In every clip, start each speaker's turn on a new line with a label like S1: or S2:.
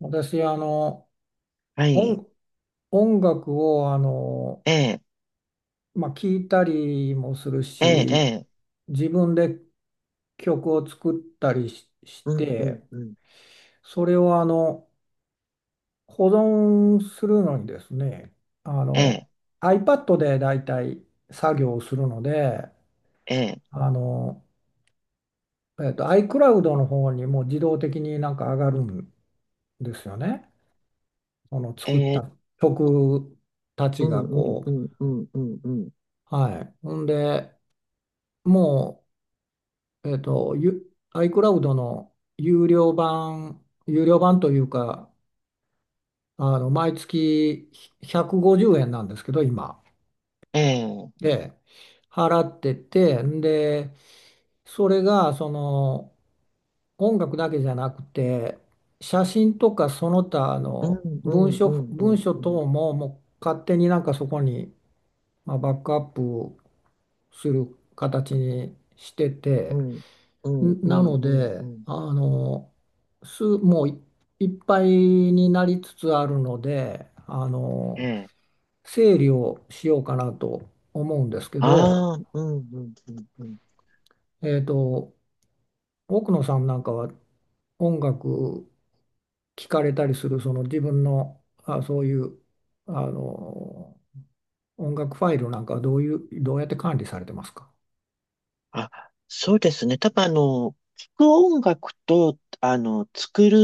S1: 私、
S2: はい。
S1: 音、音楽を、
S2: ええ、
S1: まあ、聞いたりもする
S2: ええ、え
S1: し、
S2: え、
S1: 自分で曲を作ったりし、し
S2: うん、うん、
S1: て、
S2: うん。
S1: それを、保存するのにですね。あ
S2: え
S1: の、
S2: え、
S1: iPad でだいたい作業をするので、
S2: ええ、
S1: あの、iCloud の方にもう自動的になんか上がるんですよね。その
S2: え
S1: 作っ
S2: え、
S1: た曲た
S2: う
S1: ちが
S2: ん、うん、
S1: こ
S2: う
S1: う。
S2: ん、うん、うん、うん。
S1: はい。ほんで、もう、えっと、ゆ iCloud の有料版というか、毎月150円なんですけど、今。
S2: ええ、
S1: で、払ってて、それが、音楽だけじゃなくて、写真とかその他
S2: うん、
S1: の
S2: うん、うん、う
S1: 文
S2: ん、
S1: 書
S2: うん、
S1: 等も、もう勝手になんかそこに、まあ、バックアップする形にして
S2: う
S1: て、
S2: ん、うん、う
S1: な
S2: ん、
S1: の
S2: うん、う
S1: で、
S2: ん。
S1: あの、す、もうい、いっぱいになりつつあるので、
S2: ええ、
S1: 整理をしようかなと思うんですけど、
S2: ああ、うん、うん、うん、うん。
S1: えっと、奥野さんなんかは音楽聴かれたりする、その自分の、あ、そういう、あの、音楽ファイルなんかはどうやって管理されてますか？
S2: あ、そうですね。多分聞く音楽と、作る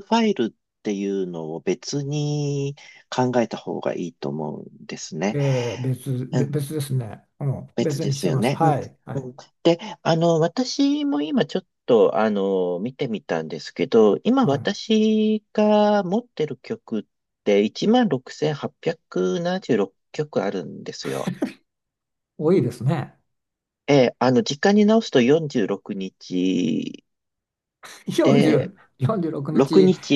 S2: ファイルっていうのを別に考えた方がいいと思うんですね。
S1: えー別ですね。うん、
S2: 別
S1: 別
S2: で
S1: にし
S2: す
S1: て
S2: よ
S1: ます。
S2: ね。うん。
S1: はい、は
S2: う
S1: い、
S2: ん、で、私も今ちょっと、見てみたんですけど、今
S1: はい。
S2: 私が持ってる曲って16,876曲あるんですよ。
S1: 多いですね。
S2: ええ、時間に直すと46日で、
S1: 40、46
S2: 6
S1: 日
S2: 日、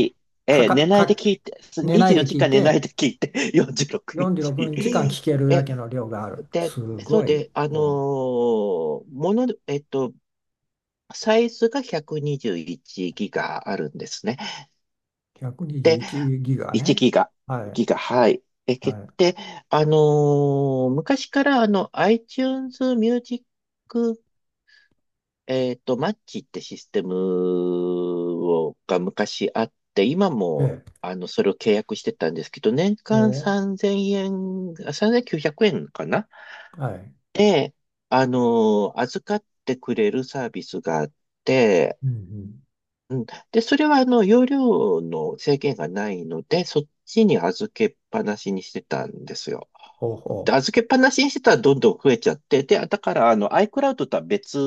S2: え
S1: か
S2: え、
S1: か、
S2: 寝ないで
S1: か、
S2: 聞いて、
S1: 寝ない
S2: 24
S1: で
S2: 時
S1: 聞い
S2: 間寝ない
S1: て、
S2: で聞いて、46
S1: 46
S2: 日。
S1: 日間聞ける
S2: え
S1: だ
S2: え、
S1: けの量がある。す
S2: で、そ
S1: ご
S2: う
S1: い。うん、
S2: で、あのーもの、えっと、サイズが121ギガあるんですね。で、
S1: 121ギガ
S2: 1
S1: ね。
S2: ギガ、
S1: は
S2: ギ
S1: い。
S2: ガ、はい。で、け
S1: は
S2: で、あのー昔からiTunes Music、マッチってシステムをが昔あって、今
S1: い。
S2: もそれを契約してたんですけど、年間
S1: お、
S2: 3 0円、あ3900円かな
S1: はい。
S2: で、預かってくれるサービスがあって、
S1: うんうん。
S2: うん。で、それは容量の制限がないので、そっちに預けっぱなしにしてたんですよ。
S1: ほう
S2: で、
S1: ほ
S2: 預けっぱなしにしてたらどんどん増えちゃって、で、だからiCloud とは別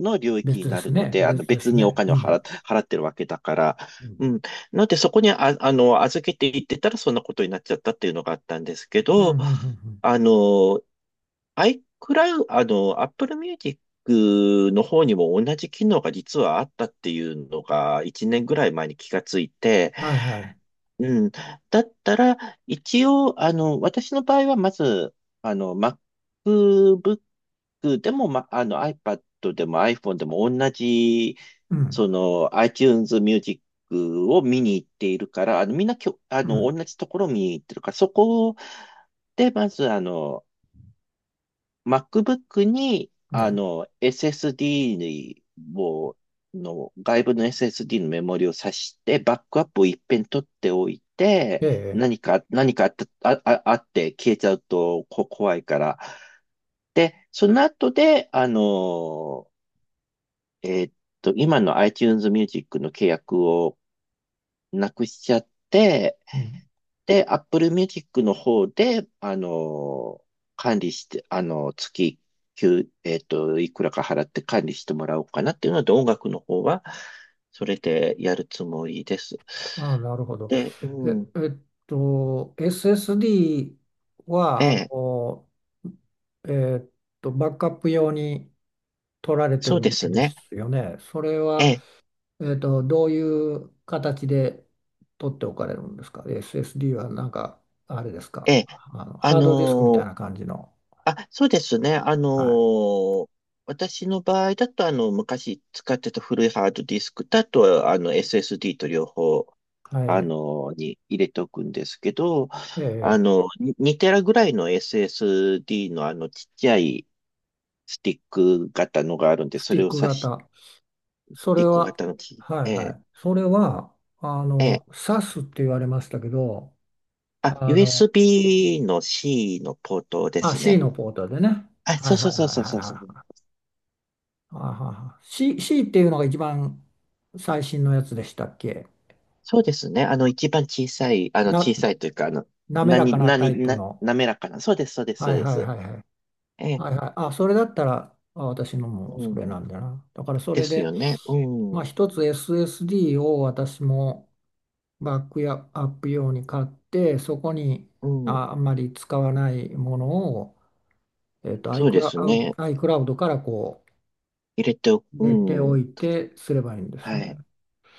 S2: の領
S1: う。
S2: 域に
S1: 別で
S2: な
S1: す
S2: るの
S1: ね。
S2: で、
S1: 別で
S2: 別
S1: す
S2: にお
S1: ね。
S2: 金
S1: う
S2: を
S1: ん。
S2: 払ってるわけだから、
S1: うん
S2: うん。ので、そこに預けていってたらそんなことになっちゃったっていうのがあったんですけ
S1: うんう
S2: ど、
S1: んうん
S2: あの、iCloud、Apple Music の方にも同じ機能が実はあったっていうのが1年ぐらい前に気がついて、
S1: うん。はいはい。
S2: うん。だったら、一応、私の場合はまず、MacBook でも、ま、iPad でも iPhone でも同じ、
S1: うん。
S2: その、iTunes Music を見に行っているから、あの、みんなきょ、あ
S1: う
S2: の、
S1: ん。
S2: 同じところを見に行ってるから、そこで、まず、MacBook に、
S1: ね。
S2: SSD を、外部の SSD のメモリを挿して、バックアップを一遍取っておいて、
S1: ええ。
S2: 何かあった、ああって消えちゃうとこ怖いから。で、その後で、えーっ今の iTunes Music の契約をなくしちゃって、で、Apple Music の方で、管理して、あの、月、給えっと、いくらか払って管理してもらおうかなっていうので、音楽の方は、それでやるつもりです。
S1: ああ、なるほど。
S2: で、う
S1: え、
S2: ん、
S1: えっSSD
S2: え
S1: は、
S2: え、
S1: えっバックアップ用に取られて
S2: そ
S1: る
S2: うで
S1: ん
S2: す
S1: で
S2: ね。
S1: すよね。それ
S2: え
S1: は、
S2: え、
S1: どういう形で取っておかれるんですか？ SSD はなんか、あれです
S2: え
S1: か？
S2: え、あ
S1: ハードディスクみたい
S2: のー
S1: な感じの。
S2: そうですね。
S1: は
S2: ー私の場合だと、昔使ってた古いハードディスクだと、SSD と両方、
S1: い。はい。
S2: に入れておくんですけど、
S1: ええ、
S2: に2テラぐらいの SSD のちっちゃいスティック型のがあるんで、
S1: ス
S2: そ
S1: ティ
S2: れ
S1: ッ
S2: を
S1: ク
S2: 挿し、
S1: 型。
S2: ス
S1: それ
S2: ティック
S1: は、
S2: 型のち、
S1: はい
S2: え
S1: は
S2: ー、
S1: い。それは、
S2: えー、
S1: s ス s って言われましたけど、
S2: あ、
S1: あの、
S2: USB の C のポートです
S1: C
S2: ね。
S1: のポートでね。
S2: あ、そ
S1: は
S2: う
S1: い
S2: そう
S1: はい
S2: そう
S1: はい
S2: そうそうそう。
S1: はいはい。あはは、 C っていうのが一番最新のやつでしたっけ？
S2: そうですね。一番小さい、
S1: な、
S2: 小さいというか、あの、
S1: 滑らか
S2: 何、
S1: なタ
S2: 何、
S1: イプ
S2: な、
S1: の。
S2: 滑らかな。そうです、そうです、そ
S1: は
S2: う
S1: い
S2: で
S1: はい
S2: す。
S1: はいはい。
S2: ええ、
S1: はいはい。あ、それだったら、あ、私のも
S2: う
S1: それ
S2: ん。
S1: なんだな。だからそ
S2: で
S1: れ
S2: す
S1: で、
S2: よね。うん。
S1: まあ
S2: う
S1: 一つ SSD を私もバックやアップ用に買って、そこに
S2: ん。
S1: あんまり使わないものを、
S2: そうです ね。
S1: iCloud からこ
S2: 入れておく。
S1: う入れて
S2: う
S1: お
S2: ん。
S1: いてすればいいんです
S2: は
S1: ね。
S2: い。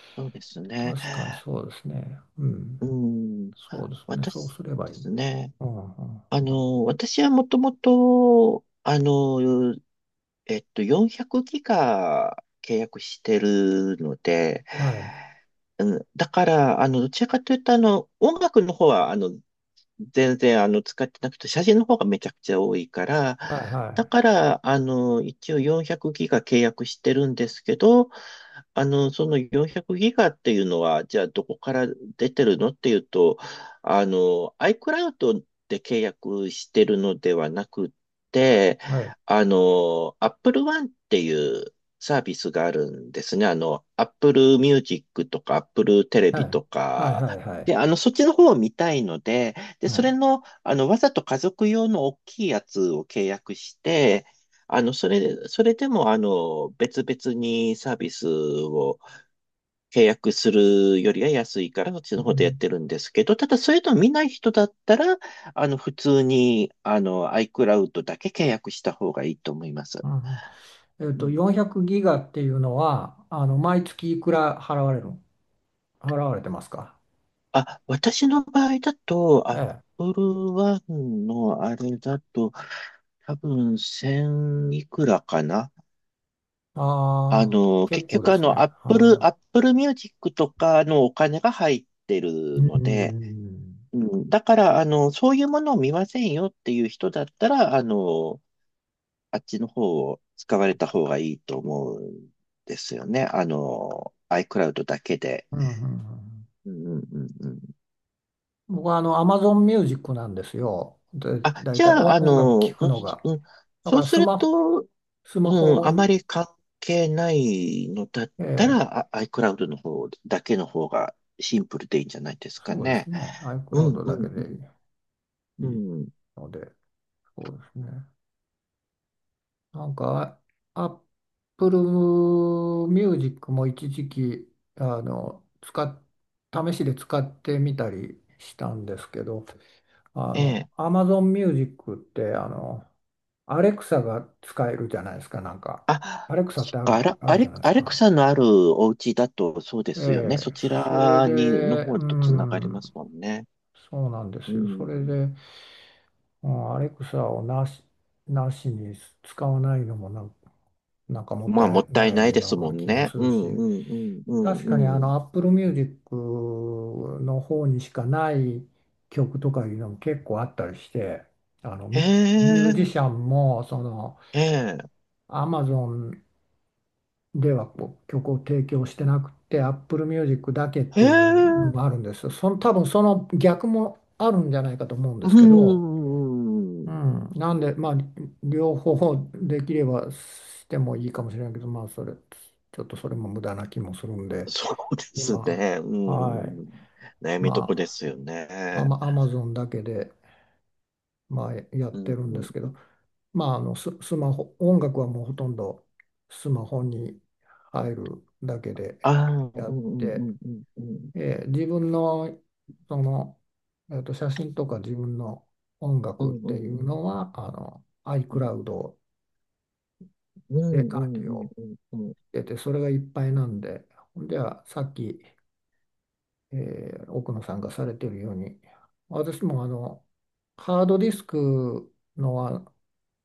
S2: そうですね。
S1: 確かにそうですね。うん。
S2: うん。
S1: そうですね。そう
S2: 私
S1: すればい
S2: で
S1: い。
S2: すね。
S1: うん、うん、うん。
S2: 私はもともと、400ギガ契約してるので、
S1: はい。
S2: うん、だから、どちらかというと、音楽の方は、全然使ってなくて、写真の方がめちゃくちゃ多いから、
S1: はい、は
S2: だか
S1: い、
S2: ら、一応400ギガ契約してるんですけど、その400ギガっていうのは、じゃあどこから出てるのっていうと、iCloud で契約してるのではなくって、
S1: はい。
S2: Apple One っていうサービスがあるんですね。Apple Music とか Apple テレ
S1: は
S2: ビ
S1: い、
S2: と
S1: はい、
S2: か。
S1: はい、はい。
S2: で、そっちの方を見たいので、で、
S1: は
S2: そ
S1: い。
S2: れの、わざと家族用の大きいやつを契約して、それでも、別々にサービスを契約するよりは安いから、そっち
S1: う
S2: の方でやっ
S1: ん、
S2: てるんですけど、ただ、そういうのを見ない人だったら、普通に、iCloud だけ契約した方がいいと思います。
S1: うん、うん。
S2: うん
S1: 400ギガっていうのは、毎月いくら払われる、払われてますか？
S2: あ、私の場合だと、
S1: ええ。
S2: Apple One のあれだと、多分1000いくらかな
S1: ああ、結
S2: 結
S1: 構で
S2: 局
S1: すね。
S2: アップルミュージックとかのお金が入って
S1: う
S2: るので、
S1: ん、
S2: うん、だからそういうものを見ませんよっていう人だったら、あっちの方を使われた方がいいと思うんですよね。iCloud だけで。
S1: うん、うん。うんうんうん。
S2: うんうんうんうん。
S1: 僕はAmazon Music なんですよ。で、
S2: あ、
S1: 大
S2: じ
S1: 体
S2: ゃあ、
S1: 音楽
S2: う
S1: 聴
S2: ん、
S1: くのが。
S2: うん
S1: だか
S2: そう
S1: ら
S2: すると、
S1: ス
S2: う
S1: マ
S2: ん、
S1: ホ。
S2: あまり関係ないのだっ
S1: え
S2: た
S1: え、
S2: ら、iCloud の方だけの方がシンプルでいいんじゃないですか
S1: そうで
S2: ね。
S1: すね。
S2: うん
S1: iCloud
S2: う
S1: だけ
S2: んう
S1: でいい
S2: んうん。
S1: ので、そうですね。なんか、あ Apple Music も一時期、あの、使っ、試しで使ってみたりしたんですけど、
S2: ええ。
S1: Amazon Music って、Alexa が使えるじゃないですか、なんか。
S2: あ、
S1: Alexa っ
S2: そっ
S1: て
S2: か、あら
S1: あ
S2: ア
S1: るじゃ
S2: レ、
S1: ないです
S2: アレク
S1: か。
S2: サのあるお家だとそうで
S1: え
S2: すよね。そ
S1: え、
S2: ち
S1: それ
S2: らに、の
S1: で、
S2: 方
S1: う
S2: とつながりま
S1: ん、
S2: すもんね。
S1: そうなんで
S2: う
S1: すよ。そ
S2: ん。
S1: れで、うん、アレクサをなしに使わないのもなんかもっ
S2: まあ、
S1: た
S2: も
S1: い
S2: ったい
S1: な
S2: ない
S1: い
S2: で
S1: よ
S2: す
S1: う
S2: も
S1: な
S2: ん
S1: 気も
S2: ね。
S1: す
S2: う
S1: るし、
S2: んうんうん
S1: 確
S2: う
S1: かに
S2: んうん。
S1: Apple Music の方にしかない曲とかいうのも結構あったりして、あの
S2: へ
S1: ミミュージ
S2: え、
S1: シャンも
S2: へえ、
S1: Amazon ではこう曲を提供してなくて Apple Music だけっ
S2: へ
S1: ていうの
S2: え、
S1: もあるんですよ。その多分その逆もあるんじゃないかと思うんですけど。
S2: うん。
S1: うん、なんで、まあ、両方できればしてもいいかもしれないけど、ちょっとそれも無駄な気もするんで、
S2: そうです
S1: 今、
S2: ね。
S1: はい、
S2: うん。悩みどこで
S1: ま
S2: すよ
S1: あ、
S2: ね。
S1: アマゾンだけで、まあ、や
S2: う
S1: ってるんで
S2: ん。
S1: すけど、まあ、スマホ、音楽はもうほとんどスマホに入るだけで
S2: ああ、うんう
S1: やっ
S2: んう
S1: て、
S2: んうんうん。
S1: 自分の、その、写真とか自分の音
S2: う
S1: 楽っ
S2: んうんう
S1: ていう
S2: ん
S1: のは、
S2: うん。
S1: iCloud
S2: う
S1: で
S2: んう
S1: 管
S2: ん
S1: 理
S2: うん
S1: を
S2: うんうん。
S1: してて、それがいっぱいなんで、ほんではさっき、え奥野さんがされてるように、私もハードディスクのは、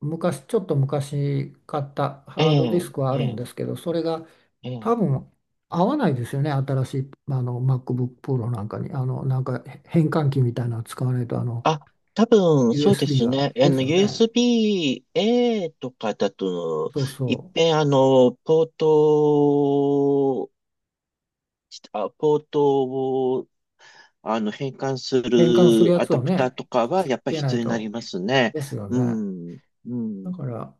S1: ちょっと昔買った
S2: え
S1: ハードディ
S2: え、
S1: スクはあ
S2: え
S1: るん
S2: え、
S1: ですけど、それが
S2: え
S1: 多
S2: え。
S1: 分合わないですよね、新しいMacBook Pro なんかに、なんか変換器みたいなの使わないと、
S2: あ、多分そうで
S1: USB
S2: す
S1: が。
S2: ね。
S1: ですよね。
S2: USB-A とかだと、
S1: そうそ
S2: いっ
S1: う。
S2: ぺんポートを、変換す
S1: 変換する
S2: る
S1: や
S2: ア
S1: つ
S2: ダ
S1: を
S2: プター
S1: ね、
S2: とかは、
S1: つ
S2: やっぱり
S1: けな
S2: 必
S1: い
S2: 要になり
S1: と。
S2: ますね。
S1: ですよ
S2: う
S1: ね。
S2: ん、う
S1: だ
S2: ん、
S1: から、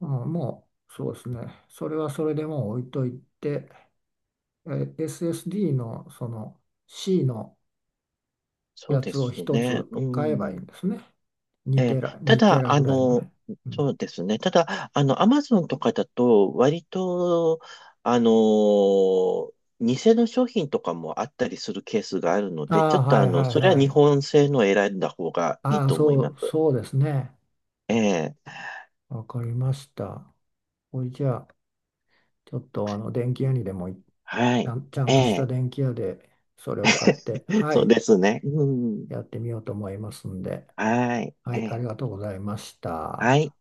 S1: うん、もうそうですね、それはそれでもう置いといて、え SSD のC の
S2: そう
S1: や
S2: で
S1: つを
S2: す
S1: 一
S2: ね。
S1: つ
S2: う
S1: 買えばいいん
S2: ん。
S1: ですね。
S2: え
S1: 2テ
S2: え、
S1: ラ、
S2: た
S1: 2テ
S2: だ、
S1: ラぐらいのね。う
S2: そ
S1: ん、
S2: うですね。ただ、アマゾンとかだと、割と、あの、偽の商品とかもあったりするケースがあるの
S1: あ
S2: で、ちょっ
S1: あ、
S2: と
S1: はいはい
S2: それは
S1: は
S2: 日
S1: い。
S2: 本製のを選んだ方がいい
S1: ああ、
S2: と思い
S1: そ
S2: ま
S1: う、
S2: す。
S1: そうですね。
S2: ええ、
S1: わかりました。これじゃあ、ちょっと電気屋にでもいち
S2: は
S1: ゃ
S2: い。
S1: ん、ちゃん
S2: え
S1: とした
S2: え、
S1: 電気屋でそれを買って、は
S2: そう
S1: い、
S2: ですね。うん。
S1: やってみようと思いますんで、
S2: はい。
S1: は
S2: え
S1: い、あり
S2: え、
S1: がとうございまし
S2: は
S1: た。
S2: い。